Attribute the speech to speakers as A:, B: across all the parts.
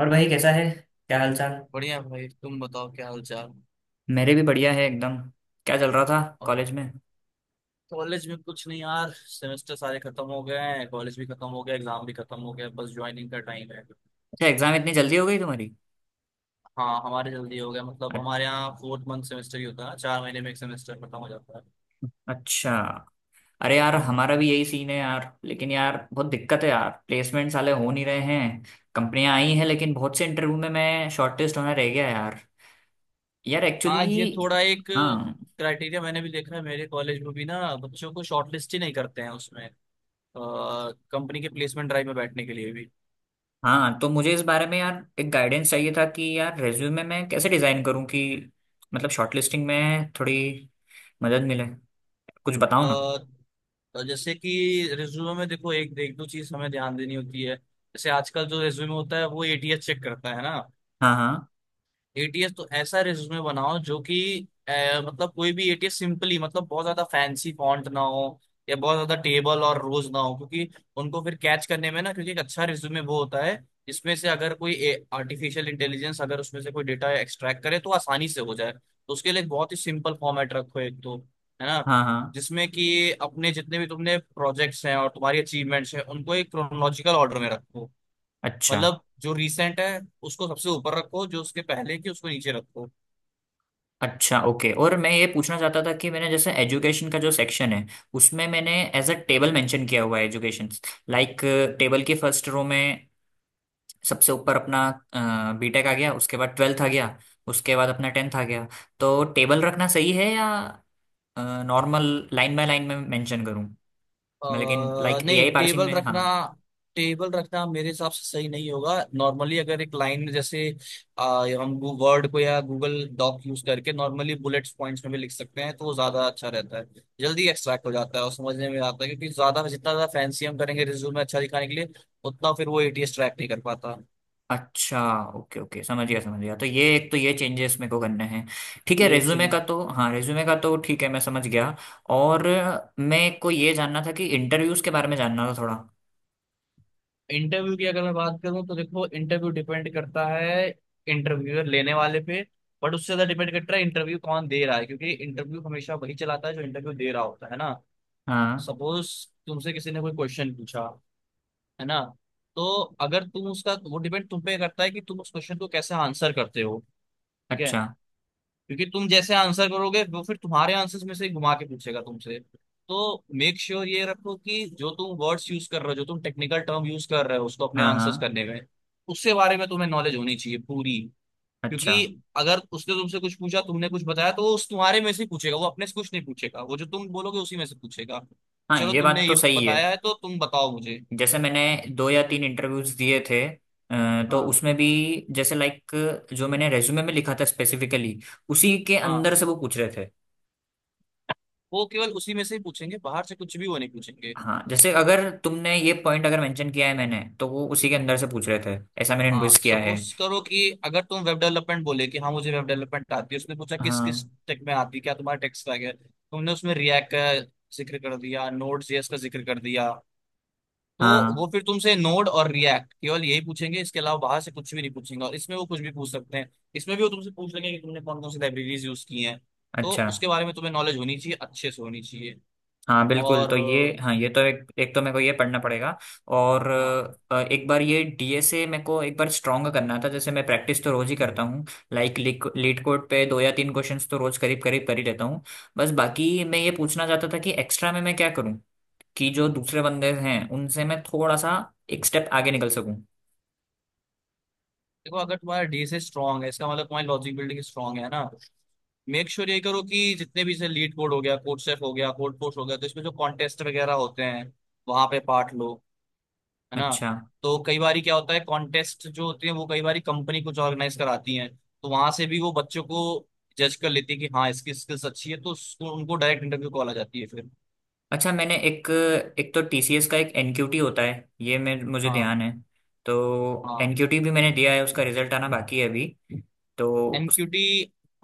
A: और भाई कैसा है। क्या हाल चाल।
B: बढ़िया भाई, तुम बताओ क्या हाल चाल।
A: मेरे भी बढ़िया है एकदम। क्या चल रहा था
B: और
A: कॉलेज में।
B: कॉलेज में कुछ नहीं यार, सेमेस्टर सारे खत्म हो गए हैं। कॉलेज भी खत्म हो गया, एग्जाम भी खत्म हो गया, बस ज्वाइनिंग का टाइम है।
A: अच्छा, एग्जाम इतनी जल्दी हो गई तुम्हारी।
B: हाँ, हमारे जल्दी हो गया, मतलब
A: अ-
B: हमारे यहाँ फोर्थ मंथ सेमेस्टर ही होता है, चार महीने में एक सेमेस्टर खत्म हो जाता है।
A: अच्छा। अरे यार,
B: हाँ, हाँ।
A: हमारा भी यही सीन है यार, लेकिन यार बहुत दिक्कत है यार, प्लेसमेंट साले हो नहीं रहे हैं। कंपनियां आई हैं लेकिन बहुत से इंटरव्यू में मैं शॉर्टलिस्ट होना रह गया यार। यार
B: हाँ, ये
A: एक्चुअली।
B: थोड़ा एक
A: हाँ
B: क्राइटेरिया मैंने भी देखा है, मेरे कॉलेज में भी ना बच्चों को शॉर्टलिस्ट ही नहीं करते हैं उसमें, कंपनी के प्लेसमेंट ड्राइव में बैठने के लिए भी।
A: हाँ, तो मुझे इस बारे में यार एक गाइडेंस चाहिए था कि यार रेज्यूमे मैं कैसे डिजाइन करूँ कि मतलब शॉर्टलिस्टिंग में थोड़ी मदद मिले। कुछ बताओ
B: अ,
A: ना।
B: तो जैसे कि रिज्यूमे में देखो, एक एक दो चीज हमें ध्यान देनी होती है। जैसे आजकल जो रिज्यूमे होता है वो एटीएस चेक करता है ना।
A: हाँ हाँ।
B: एटीएस तो ऐसा रिज्यूमे बनाओ जो कि अ, मतलब कोई भी एटीएस सिंपली, मतलब बहुत ज्यादा फैंसी फॉन्ट ना हो या बहुत ज्यादा टेबल और रोज ना हो, क्योंकि उनको फिर कैच करने में ना। क्योंकि एक अच्छा रिज्यूमे वो होता है जिसमें से अगर कोई आर्टिफिशियल इंटेलिजेंस अगर उसमें से कोई डेटा एक्सट्रैक्ट करे तो आसानी से हो जाए। तो उसके लिए एक बहुत ही सिंपल फॉर्मेट रखो एक तो, है ना,
A: हाँ हाँ।
B: जिसमें कि अपने जितने भी तुमने प्रोजेक्ट्स हैं और तुम्हारी अचीवमेंट्स हैं उनको एक क्रोनोलॉजिकल ऑर्डर में रखो।
A: अच्छा।
B: मतलब जो रिसेंट है उसको सबसे ऊपर रखो, जो उसके पहले की उसको नीचे रखो।
A: अच्छा ओके, और मैं ये पूछना चाहता था कि मैंने जैसे एजुकेशन का जो सेक्शन है, उसमें मैंने एज अ टेबल मेंशन किया हुआ है एजुकेशन। लाइक टेबल की फर्स्ट रो में सबसे ऊपर अपना बीटेक आ गया, उसके बाद ट्वेल्थ आ गया, उसके बाद अपना टेंथ आ गया। तो टेबल रखना सही है या नॉर्मल लाइन बाय लाइन में मेंशन करूँ? मैं लेकिन लाइक एआई
B: नहीं,
A: पार्सिंग
B: टेबल
A: में। हाँ।
B: रखना, टेबल रखना मेरे हिसाब से सही नहीं होगा। नॉर्मली अगर एक लाइन में जैसे अ, हम वर्ड को या गूगल डॉक यूज करके नॉर्मली बुलेट्स पॉइंट्स में भी लिख सकते हैं तो वो ज्यादा अच्छा रहता है। जल्दी एक्सट्रैक्ट हो जाता है और समझने में आता है, क्योंकि ज्यादा, जितना ज्यादा फैंसी हम करेंगे रिज्यूम में अच्छा दिखाने के लिए उतना फिर वो एटीएस ट्रैक नहीं कर पाता।
A: अच्छा ओके ओके, समझ गया समझ गया। तो ये एक तो ये चेंजेस मेरे को करने हैं। ठीक है,
B: ये एक
A: रेज्यूमे का
B: चीज।
A: तो, हाँ रेज्यूमे का तो ठीक है, मैं समझ गया। और मैं को ये जानना था कि इंटरव्यूज के बारे में जानना था थोड़ा।
B: इंटरव्यू की अगर मैं बात करूं तो देखो, इंटरव्यू डिपेंड करता है इंटरव्यूअर लेने वाले पे, बट उससे ज्यादा डिपेंड करता है इंटरव्यू कौन दे रहा है, क्योंकि इंटरव्यू हमेशा वही चलाता है जो इंटरव्यू दे रहा होता है ना।
A: हाँ।
B: सपोज तुमसे किसी ने कोई क्वेश्चन पूछा, है ना, तो अगर तुम उसका, वो डिपेंड तुम पे करता है कि तुम उस क्वेश्चन को कैसे आंसर करते हो। ठीक है।
A: अच्छा।
B: क्योंकि तुम जैसे आंसर करोगे वो फिर तुम्हारे आंसर्स में से ही घुमा के पूछेगा तुमसे। तो मेक श्योर ये रखो कि जो तुम वर्ड्स यूज कर रहे हो, जो तुम टेक्निकल टर्म यूज कर रहे हो उसको अपने
A: हाँ
B: आंसर्स
A: हाँ।
B: करने में, उससे बारे में तुम्हें नॉलेज होनी चाहिए पूरी।
A: अच्छा।
B: क्योंकि अगर उसने तुमसे कुछ पूछा, तुमने कुछ बताया, तो वो उस तुम्हारे में से ही पूछेगा, वो अपने से कुछ नहीं पूछेगा। वो जो तुम बोलोगे उसी में से पूछेगा कि
A: हाँ
B: चलो
A: ये बात
B: तुमने
A: तो
B: ये
A: सही है।
B: बताया है तो तुम बताओ मुझे।
A: जैसे मैंने दो या तीन इंटरव्यूज दिए थे, तो
B: हाँ,
A: उसमें भी जैसे लाइक जो मैंने रेज्यूमे में लिखा था स्पेसिफिकली, उसी के अंदर
B: हाँ।
A: से वो पूछ रहे थे।
B: वो केवल उसी में से ही पूछेंगे, बाहर से कुछ भी वो नहीं पूछेंगे।
A: हाँ, जैसे अगर तुमने ये पॉइंट अगर मेंशन किया है मैंने, तो वो उसी के अंदर से पूछ रहे थे, ऐसा मैंने नोटिस
B: हाँ,
A: किया है।
B: सपोज करो कि अगर तुम वेब डेवलपमेंट बोले कि हाँ मुझे वेब डेवलपमेंट आती है, उसने पूछा किस किस
A: हाँ
B: टेक में आती है, क्या तुम्हारा टेक स्टैक है, तुमने उसमें रिएक्ट का जिक्र कर दिया, नोड जेएस का जिक्र कर दिया, तो
A: हाँ।
B: वो फिर तुमसे नोड और रिएक्ट केवल यही पूछेंगे, इसके अलावा बाहर से कुछ भी नहीं पूछेंगे। और इसमें वो कुछ भी पूछ सकते हैं। इसमें भी वो तुमसे पूछ लेंगे कि तुमने कौन कौन सी लाइब्रेरीज यूज की हैं। तो
A: अच्छा।
B: उसके बारे में तुम्हें नॉलेज होनी चाहिए, अच्छे से होनी चाहिए।
A: हाँ बिल्कुल,
B: और
A: तो ये हाँ ये तो, एक एक तो मेरे को ये पढ़ना पड़ेगा। और
B: हाँ,
A: एक बार ये डीएसए मेरे को एक बार स्ट्रॉन्ग करना था। जैसे मैं प्रैक्टिस तो रोज ही करता हूँ, लाइक लीड कोड पे दो या तीन क्वेश्चंस तो रोज करीब करीब कर ही लेता हूँ। बस बाकी मैं ये पूछना चाहता था कि एक्स्ट्रा में मैं क्या करूँ कि जो दूसरे बंदे हैं उनसे मैं थोड़ा सा एक स्टेप आगे निकल सकूँ।
B: देखो अगर तुम्हारा डीएसए स्ट्रांग है, इसका मतलब तुम्हारी लॉजिक बिल्डिंग स्ट्रांग है ना। मेक श्योर ये करो कि जितने भी से लीड कोड हो गया, कोड सेफ हो गया, कोड पोस्ट हो गया, तो इसमें जो कॉन्टेस्ट वगैरह होते हैं, वहां पे पार्ट लो, है ना।
A: अच्छा।
B: तो कई बार क्या होता है, कॉन्टेस्ट जो होते हैं वो कई बार कंपनी कुछ ऑर्गेनाइज कराती है, तो वहां से भी वो बच्चों को जज कर लेती है कि हाँ इसकी स्किल्स अच्छी है, तो उसको, उनको डायरेक्ट इंटरव्यू कॉल आ जाती है फिर।
A: अच्छा मैंने एक, एक तो टीसीएस का एक एनक्यूटी होता है, ये मैं मुझे
B: हाँ,
A: ध्यान है। तो
B: हाँ।
A: एनक्यूटी भी मैंने दिया है, उसका रिजल्ट आना बाकी है अभी। तो उस,
B: एनक्यूटी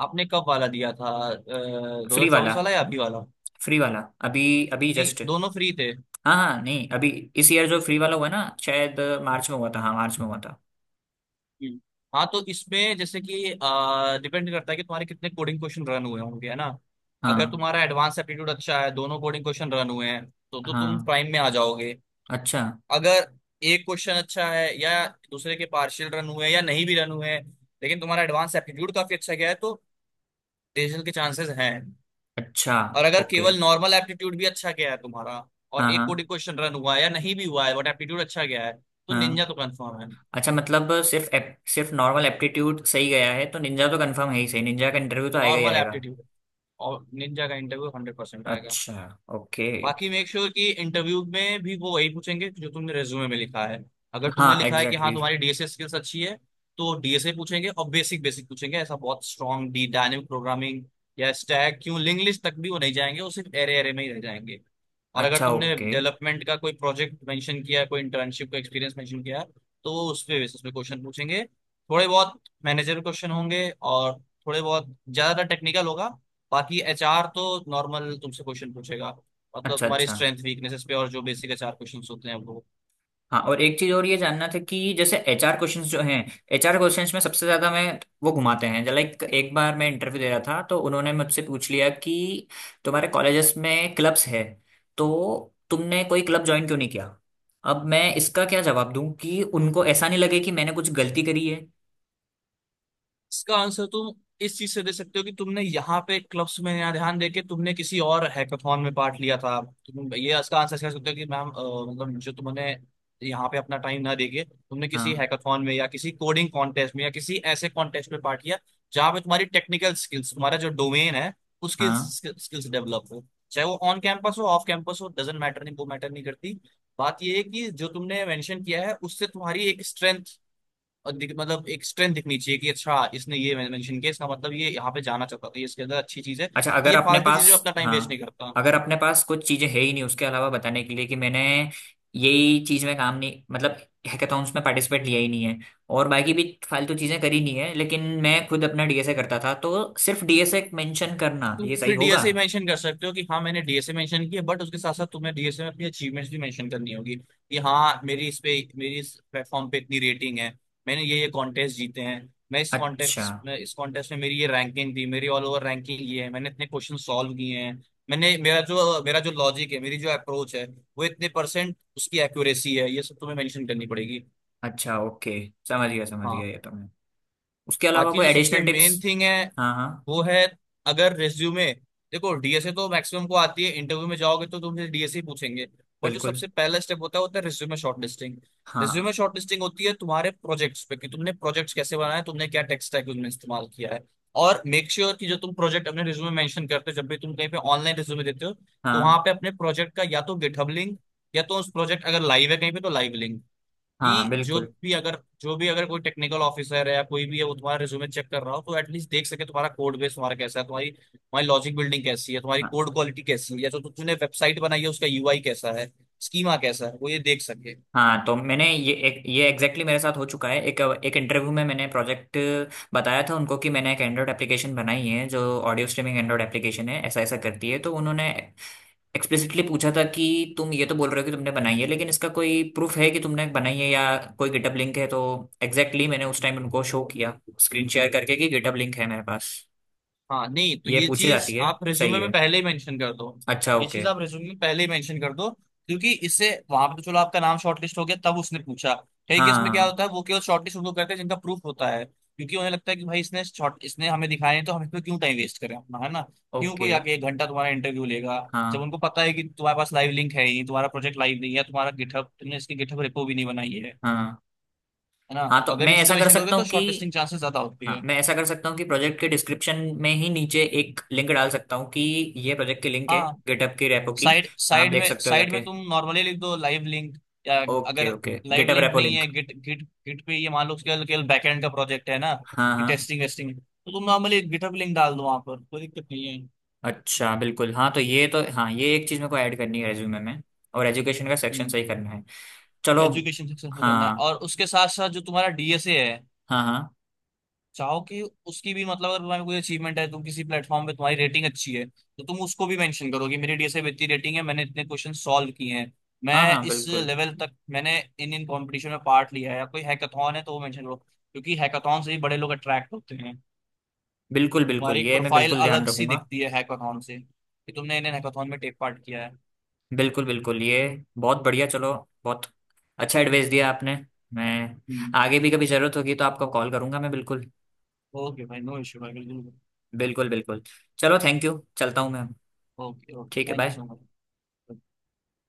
B: आपने कब वाला दिया था, दो
A: फ्री
B: हजार
A: वाला,
B: चौबीस वाला या अभी वाला?
A: फ्री वाला, अभी, अभी
B: नहीं,
A: जस्ट।
B: दोनों फ्री थे।
A: हाँ हाँ, नहीं अभी इस ईयर जो फ्री वाला हुआ ना, शायद मार्च में हुआ था, हाँ मार्च में हुआ था।
B: हम्म। हाँ, तो इसमें जैसे कि डिपेंड करता है कि तुम्हारे कितने कोडिंग क्वेश्चन रन हुए होंगे, है ना। अगर
A: हाँ
B: तुम्हारा एडवांस एप्टीट्यूड अच्छा है, दोनों कोडिंग क्वेश्चन रन हुए हैं, तो तुम
A: हाँ।
B: प्राइम में आ जाओगे।
A: अच्छा।
B: अगर एक क्वेश्चन अच्छा है या दूसरे के पार्शियल रन हुए हैं या नहीं भी रन हुए हैं, लेकिन तुम्हारा एडवांस एप्टीट्यूड काफी अच्छा गया है, तो डिसीजन के चांसेस हैं।
A: अच्छा
B: और अगर
A: ओके।
B: केवल नॉर्मल एप्टीट्यूड भी अच्छा गया है तुम्हारा, और
A: हाँ
B: एक
A: हाँ
B: कोडिंग क्वेश्चन रन हुआ है या नहीं भी हुआ है बट एप्टीट्यूड अच्छा गया है, तो निंजा
A: हाँ।
B: तो कंफर्म है।
A: अच्छा, मतलब सिर्फ नॉर्मल एप्टीट्यूड सही गया है तो निंजा तो कंफर्म है ही, सही, निंजा का इंटरव्यू तो आएगा ही
B: नॉर्मल
A: आएगा।
B: एप्टीट्यूड और निंजा का इंटरव्यू 100% आएगा।
A: अच्छा ओके।
B: बाकी मेक श्योर कि इंटरव्यू में भी वो वही पूछेंगे जो तुमने रेज्यूमे में लिखा है। अगर तुमने
A: हाँ
B: लिखा है कि
A: एग्जैक्टली
B: हाँ
A: exactly।
B: तुम्हारी डीएसए स्किल्स अच्छी है, तो डीएसए पूछेंगे और बेसिक बेसिक पूछेंगे, ऐसा बहुत स्ट्रॉन्ग डी डायनेमिक प्रोग्रामिंग या स्टैक क्यों, लिंक लिस्ट तक भी वो नहीं जाएंगे, वो सिर्फ एरे एरे में ही रह जाएंगे। और अगर
A: अच्छा
B: तुमने
A: ओके।
B: डेवलपमेंट का कोई प्रोजेक्ट मेंशन किया है, कोई इंटर्नशिप का एक्सपीरियंस मेंशन किया है, तो वो उस पे बेसिस पे क्वेश्चन पूछेंगे। थोड़े बहुत मैनेजर क्वेश्चन होंगे और थोड़े बहुत, ज्यादातर टेक्निकल होगा। बाकी एचआर तो नॉर्मल तुमसे क्वेश्चन पूछेगा, मतलब
A: अच्छा
B: तुम्हारी
A: अच्छा।
B: स्ट्रेंथ वीकनेसेस पे, और जो बेसिक चार क्वेश्चंस होते हैं वो।
A: हाँ, और एक चीज और ये जानना था कि जैसे एचआर क्वेश्चंस जो हैं, एचआर क्वेश्चंस में सबसे ज्यादा मैं, वो घुमाते हैं। लाइक एक बार मैं इंटरव्यू दे रहा था तो उन्होंने मुझसे पूछ लिया कि तुम्हारे कॉलेजेस में क्लब्स है तो तुमने कोई क्लब ज्वाइन क्यों नहीं किया। अब मैं इसका क्या जवाब दूं कि उनको ऐसा नहीं लगे कि मैंने कुछ गलती करी है।
B: इसका आंसर तुम इस चीज से दे सकते हो कि तुमने यहाँ पे क्लब्स में यहाँ ध्यान देके तुमने किसी और हैकाथॉन में पार्ट लिया था। तुम ये इसका आंसर कह सकते हो कि मैम, मतलब जो तुमने यहाँ पे अपना टाइम ना देके तुमने किसी
A: हाँ
B: हैकाथॉन में या किसी कोडिंग कॉन्टेस्ट में या किसी ऐसे कॉन्टेस्ट में पार्ट लिया जहाँ पे तुम्हारी टेक्निकल स्किल्स, तुम्हारा जो डोमेन है उसकी
A: हाँ।
B: स्किल्स डेवलप हो। चाहे वो ऑन कैंपस हो, ऑफ कैंपस हो, डजेंट मैटर, नहीं वो मैटर नहीं करती। बात ये है कि जो तुमने मेंशन किया है उससे तुम्हारी एक स्ट्रेंथ मतलब एक स्ट्रेंथ दिखनी चाहिए कि अच्छा, इसने ये मेंशन किया, इसका मतलब ये यहाँ पे जाना चाहता था, ये इसके अंदर अच्छी चीज है,
A: अच्छा, अगर
B: ये
A: अपने
B: फालतू चीजों
A: पास,
B: में अपना टाइम
A: हाँ
B: वेस्ट नहीं करता।
A: अगर अपने पास कुछ चीजें है ही नहीं उसके अलावा बताने के लिए, कि मैंने यही चीज में काम नहीं, मतलब हैकाथॉन्स में पार्टिसिपेट लिया ही नहीं है और बाकी भी फालतू चीजें करी नहीं है, लेकिन मैं खुद अपना डीएसए करता था, तो सिर्फ डीएसए मेंशन करना
B: तुम
A: ये सही
B: फिर
A: होगा।
B: डीएसए मेंशन कर सकते हो कि हाँ मैंने डीएसए मेंशन किया, बट उसके साथ साथ तुम्हें डीएसए में अपनी अचीवमेंट्स भी मेंशन करनी होगी। कि हाँ मेरी इस प्लेटफॉर्म पे इतनी रेटिंग है, मैंने ये कॉन्टेस्ट जीते हैं, मैं इस
A: अच्छा,
B: कॉन्टेस्ट में, इस कॉन्टेस्ट में मेरी ये रैंकिंग थी, मेरी ऑल ओवर रैंकिंग ये है, मैंने इतने क्वेश्चन सॉल्व किए हैं, मैंने मेरा जो लॉजिक है, मेरी जो अप्रोच है, वो इतने परसेंट उसकी एक्यूरेसी है, ये सब तुम्हें मेंशन करनी पड़ेगी।
A: अच्छा ओके, समझ गया समझ
B: हाँ।
A: गया, ये तो मैं, उसके अलावा
B: बाकी
A: कोई
B: जो सबसे
A: एडिशनल टिप्स?
B: मेन थिंग है
A: हाँ हाँ
B: वो है, अगर रेज्यूमे, देखो डीएसए तो मैक्सिमम को आती है, इंटरव्यू में जाओगे तो तुमसे डीएसए पूछेंगे, बट जो
A: बिल्कुल।
B: सबसे पहला स्टेप होता है रेज्यूमे शॉर्टलिस्टिंग।
A: हाँ
B: रेज्यूमे शॉर्टलिस्टिंग होती है तुम्हारे प्रोजेक्ट्स पे, कि तुमने प्रोजेक्ट्स कैसे बनाए, तुमने क्या टेक स्टैक उनमें इस्तेमाल किया है। और मेक श्योर कि जो तुम प्रोजेक्ट अपने रिज्यूमे मेंशन करते हो, जब भी तुम कहीं पे ऑनलाइन रिज्यूमे देते हो, तो वहां
A: हाँ
B: पे अपने प्रोजेक्ट का या तो गिटहब लिंक या तो उस प्रोजेक्ट अगर लाइव है कहीं पे तो लाइव लिंक,
A: हाँ
B: कि जो
A: बिल्कुल।
B: भी अगर कोई टेक्निकल ऑफिसर है या कोई भी है, वो तुम्हारा रिज्यूमे चेक कर रहा हो तो एटलीस्ट देख सके तुम्हारा कोड बेस तुम्हारा कैसा है, तुम्हारी तुम्हारी लॉजिक बिल्डिंग कैसी है, तुम्हारी
A: हाँ।
B: कोड क्वालिटी कैसी है, या जो तुमने वेबसाइट बनाई है उसका यूआई कैसा है, स्कीमा कैसा है, वो ये देख सके।
A: हाँ तो मैंने ये, एक ये एग्जैक्टली exactly मेरे साथ हो चुका है। एक एक इंटरव्यू में मैंने प्रोजेक्ट बताया था उनको कि मैंने एक एंड्रॉयड एप्लीकेशन बनाई है जो ऑडियो स्ट्रीमिंग एंड्रॉयड एप्लीकेशन है, ऐसा ऐसा करती है। तो उन्होंने एक्सप्लिसिटली पूछा था कि तुम ये तो बोल रहे हो कि तुमने बनाई है, लेकिन इसका कोई प्रूफ है कि तुमने बनाई है, या कोई गिटहब लिंक है? तो एग्जैक्टली exactly मैंने उस टाइम उनको शो किया, स्क्रीन शेयर करके, कि गिटहब लिंक है मेरे पास।
B: हाँ, नहीं तो
A: ये
B: ये
A: पूछी
B: चीज
A: जाती है,
B: आप
A: सही
B: रिज्यूमे में
A: है।
B: पहले ही मेंशन कर दो।
A: अच्छा
B: ये चीज
A: ओके।
B: आप रिज्यूमे में पहले ही मेंशन कर दो क्योंकि इससे वहां पे तो चलो आपका नाम शॉर्टलिस्ट हो गया, तब उसने पूछा। कई केस में क्या
A: हाँ
B: होता है, वो केवल शॉर्टलिस्ट उनको करते हैं जिनका प्रूफ होता है। क्योंकि उन्हें लगता है कि भाई इसने शॉर्ट, इसने हमें दिखाए हैं, तो हम इसमें क्यों टाइम वेस्ट करें अपना, है ना। क्यों
A: ओके।
B: कोई आके एक घंटा तुम्हारा इंटरव्यू लेगा जब
A: हाँ
B: उनको पता है कि तुम्हारे पास लाइव लिंक है ही नहीं, तुम्हारा प्रोजेक्ट लाइव नहीं है, तुम्हारा गिटहब, तुमने इसकी गिटहब रेपो भी नहीं बनाई है
A: हाँ
B: है ना।
A: हाँ
B: तो
A: तो
B: अगर
A: मैं
B: ये चीजें
A: ऐसा कर
B: मेंशन करोगे
A: सकता
B: तो
A: हूँ कि,
B: शॉर्टलिस्टिंग चांसेस ज्यादा होती
A: हाँ
B: है।
A: मैं ऐसा कर सकता हूँ कि प्रोजेक्ट के डिस्क्रिप्शन में ही नीचे एक लिंक डाल सकता हूँ कि ये प्रोजेक्ट की लिंक है,
B: हाँ,
A: गिटहब की रेपो की,
B: साइड
A: आप
B: साइड
A: देख
B: में,
A: सकते हो जाके।
B: तुम नॉर्मली लिख दो लाइव लिंक, या अगर
A: okay okay,
B: live
A: GitHub
B: link
A: repo
B: नहीं
A: लिंक।
B: है, गिट गिट गिट पे, ये मान लो केवल केवल बैकएंड का प्रोजेक्ट है ना,
A: हाँ
B: कि
A: हाँ।
B: टेस्टिंग वेस्टिंग, तो तुम नॉर्मली गिटहब लिंक डाल दो वहां पर कोई दिक्कत नहीं
A: अच्छा बिल्कुल, हाँ तो ये तो, हाँ ये एक चीज़ मेरे को ऐड करनी है रेज्यूमे में, और एजुकेशन का
B: है।
A: सेक्शन सही करना है। चलो।
B: एजुकेशन सक्सेस करना है,
A: हाँ
B: और उसके साथ साथ जो तुम्हारा डीएसए है,
A: हाँ हाँ
B: चाहो कि उसकी भी, मतलब अगर तुम्हारी कोई अचीवमेंट है, तुम किसी प्लेटफॉर्म पे तुम्हारी रेटिंग अच्छी है, तो तुम उसको भी मेंशन करो कि मेरी डीएसए इतनी रेटिंग है, मैंने इतने क्वेश्चन सॉल्व किए हैं,
A: हाँ
B: मैं
A: हाँ।
B: इस
A: बिल्कुल
B: लेवल तक, मैंने इन इन कॉम्पिटिशन में पार्ट लिया है, या कोई हैकाथॉन है तो वो मेंशन करो क्योंकि हैकाथॉन से ही बड़े लोग अट्रैक्ट होते हैं।
A: बिल्कुल बिल्कुल,
B: तुम्हारी एक
A: ये मैं
B: प्रोफाइल
A: बिल्कुल ध्यान
B: अलग सी
A: रखूंगा।
B: दिखती है हैकाथॉन से, कि तुमने इन इन हैकाथॉन में टेक पार्ट किया
A: बिल्कुल बिल्कुल, ये बहुत बढ़िया। चलो, बहुत अच्छा एडवाइस दिया आपने। मैं
B: है।
A: आगे भी कभी ज़रूरत होगी तो आपको कॉल करूंगा, मैं बिल्कुल,
B: ओके भाई, नो इश्यू भाई, बिल्कुल।
A: बिल्कुल बिल्कुल। चलो थैंक यू, चलता हूँ मैं।
B: ओके, ओके,
A: ठीक है
B: thank you
A: bye.
B: So much.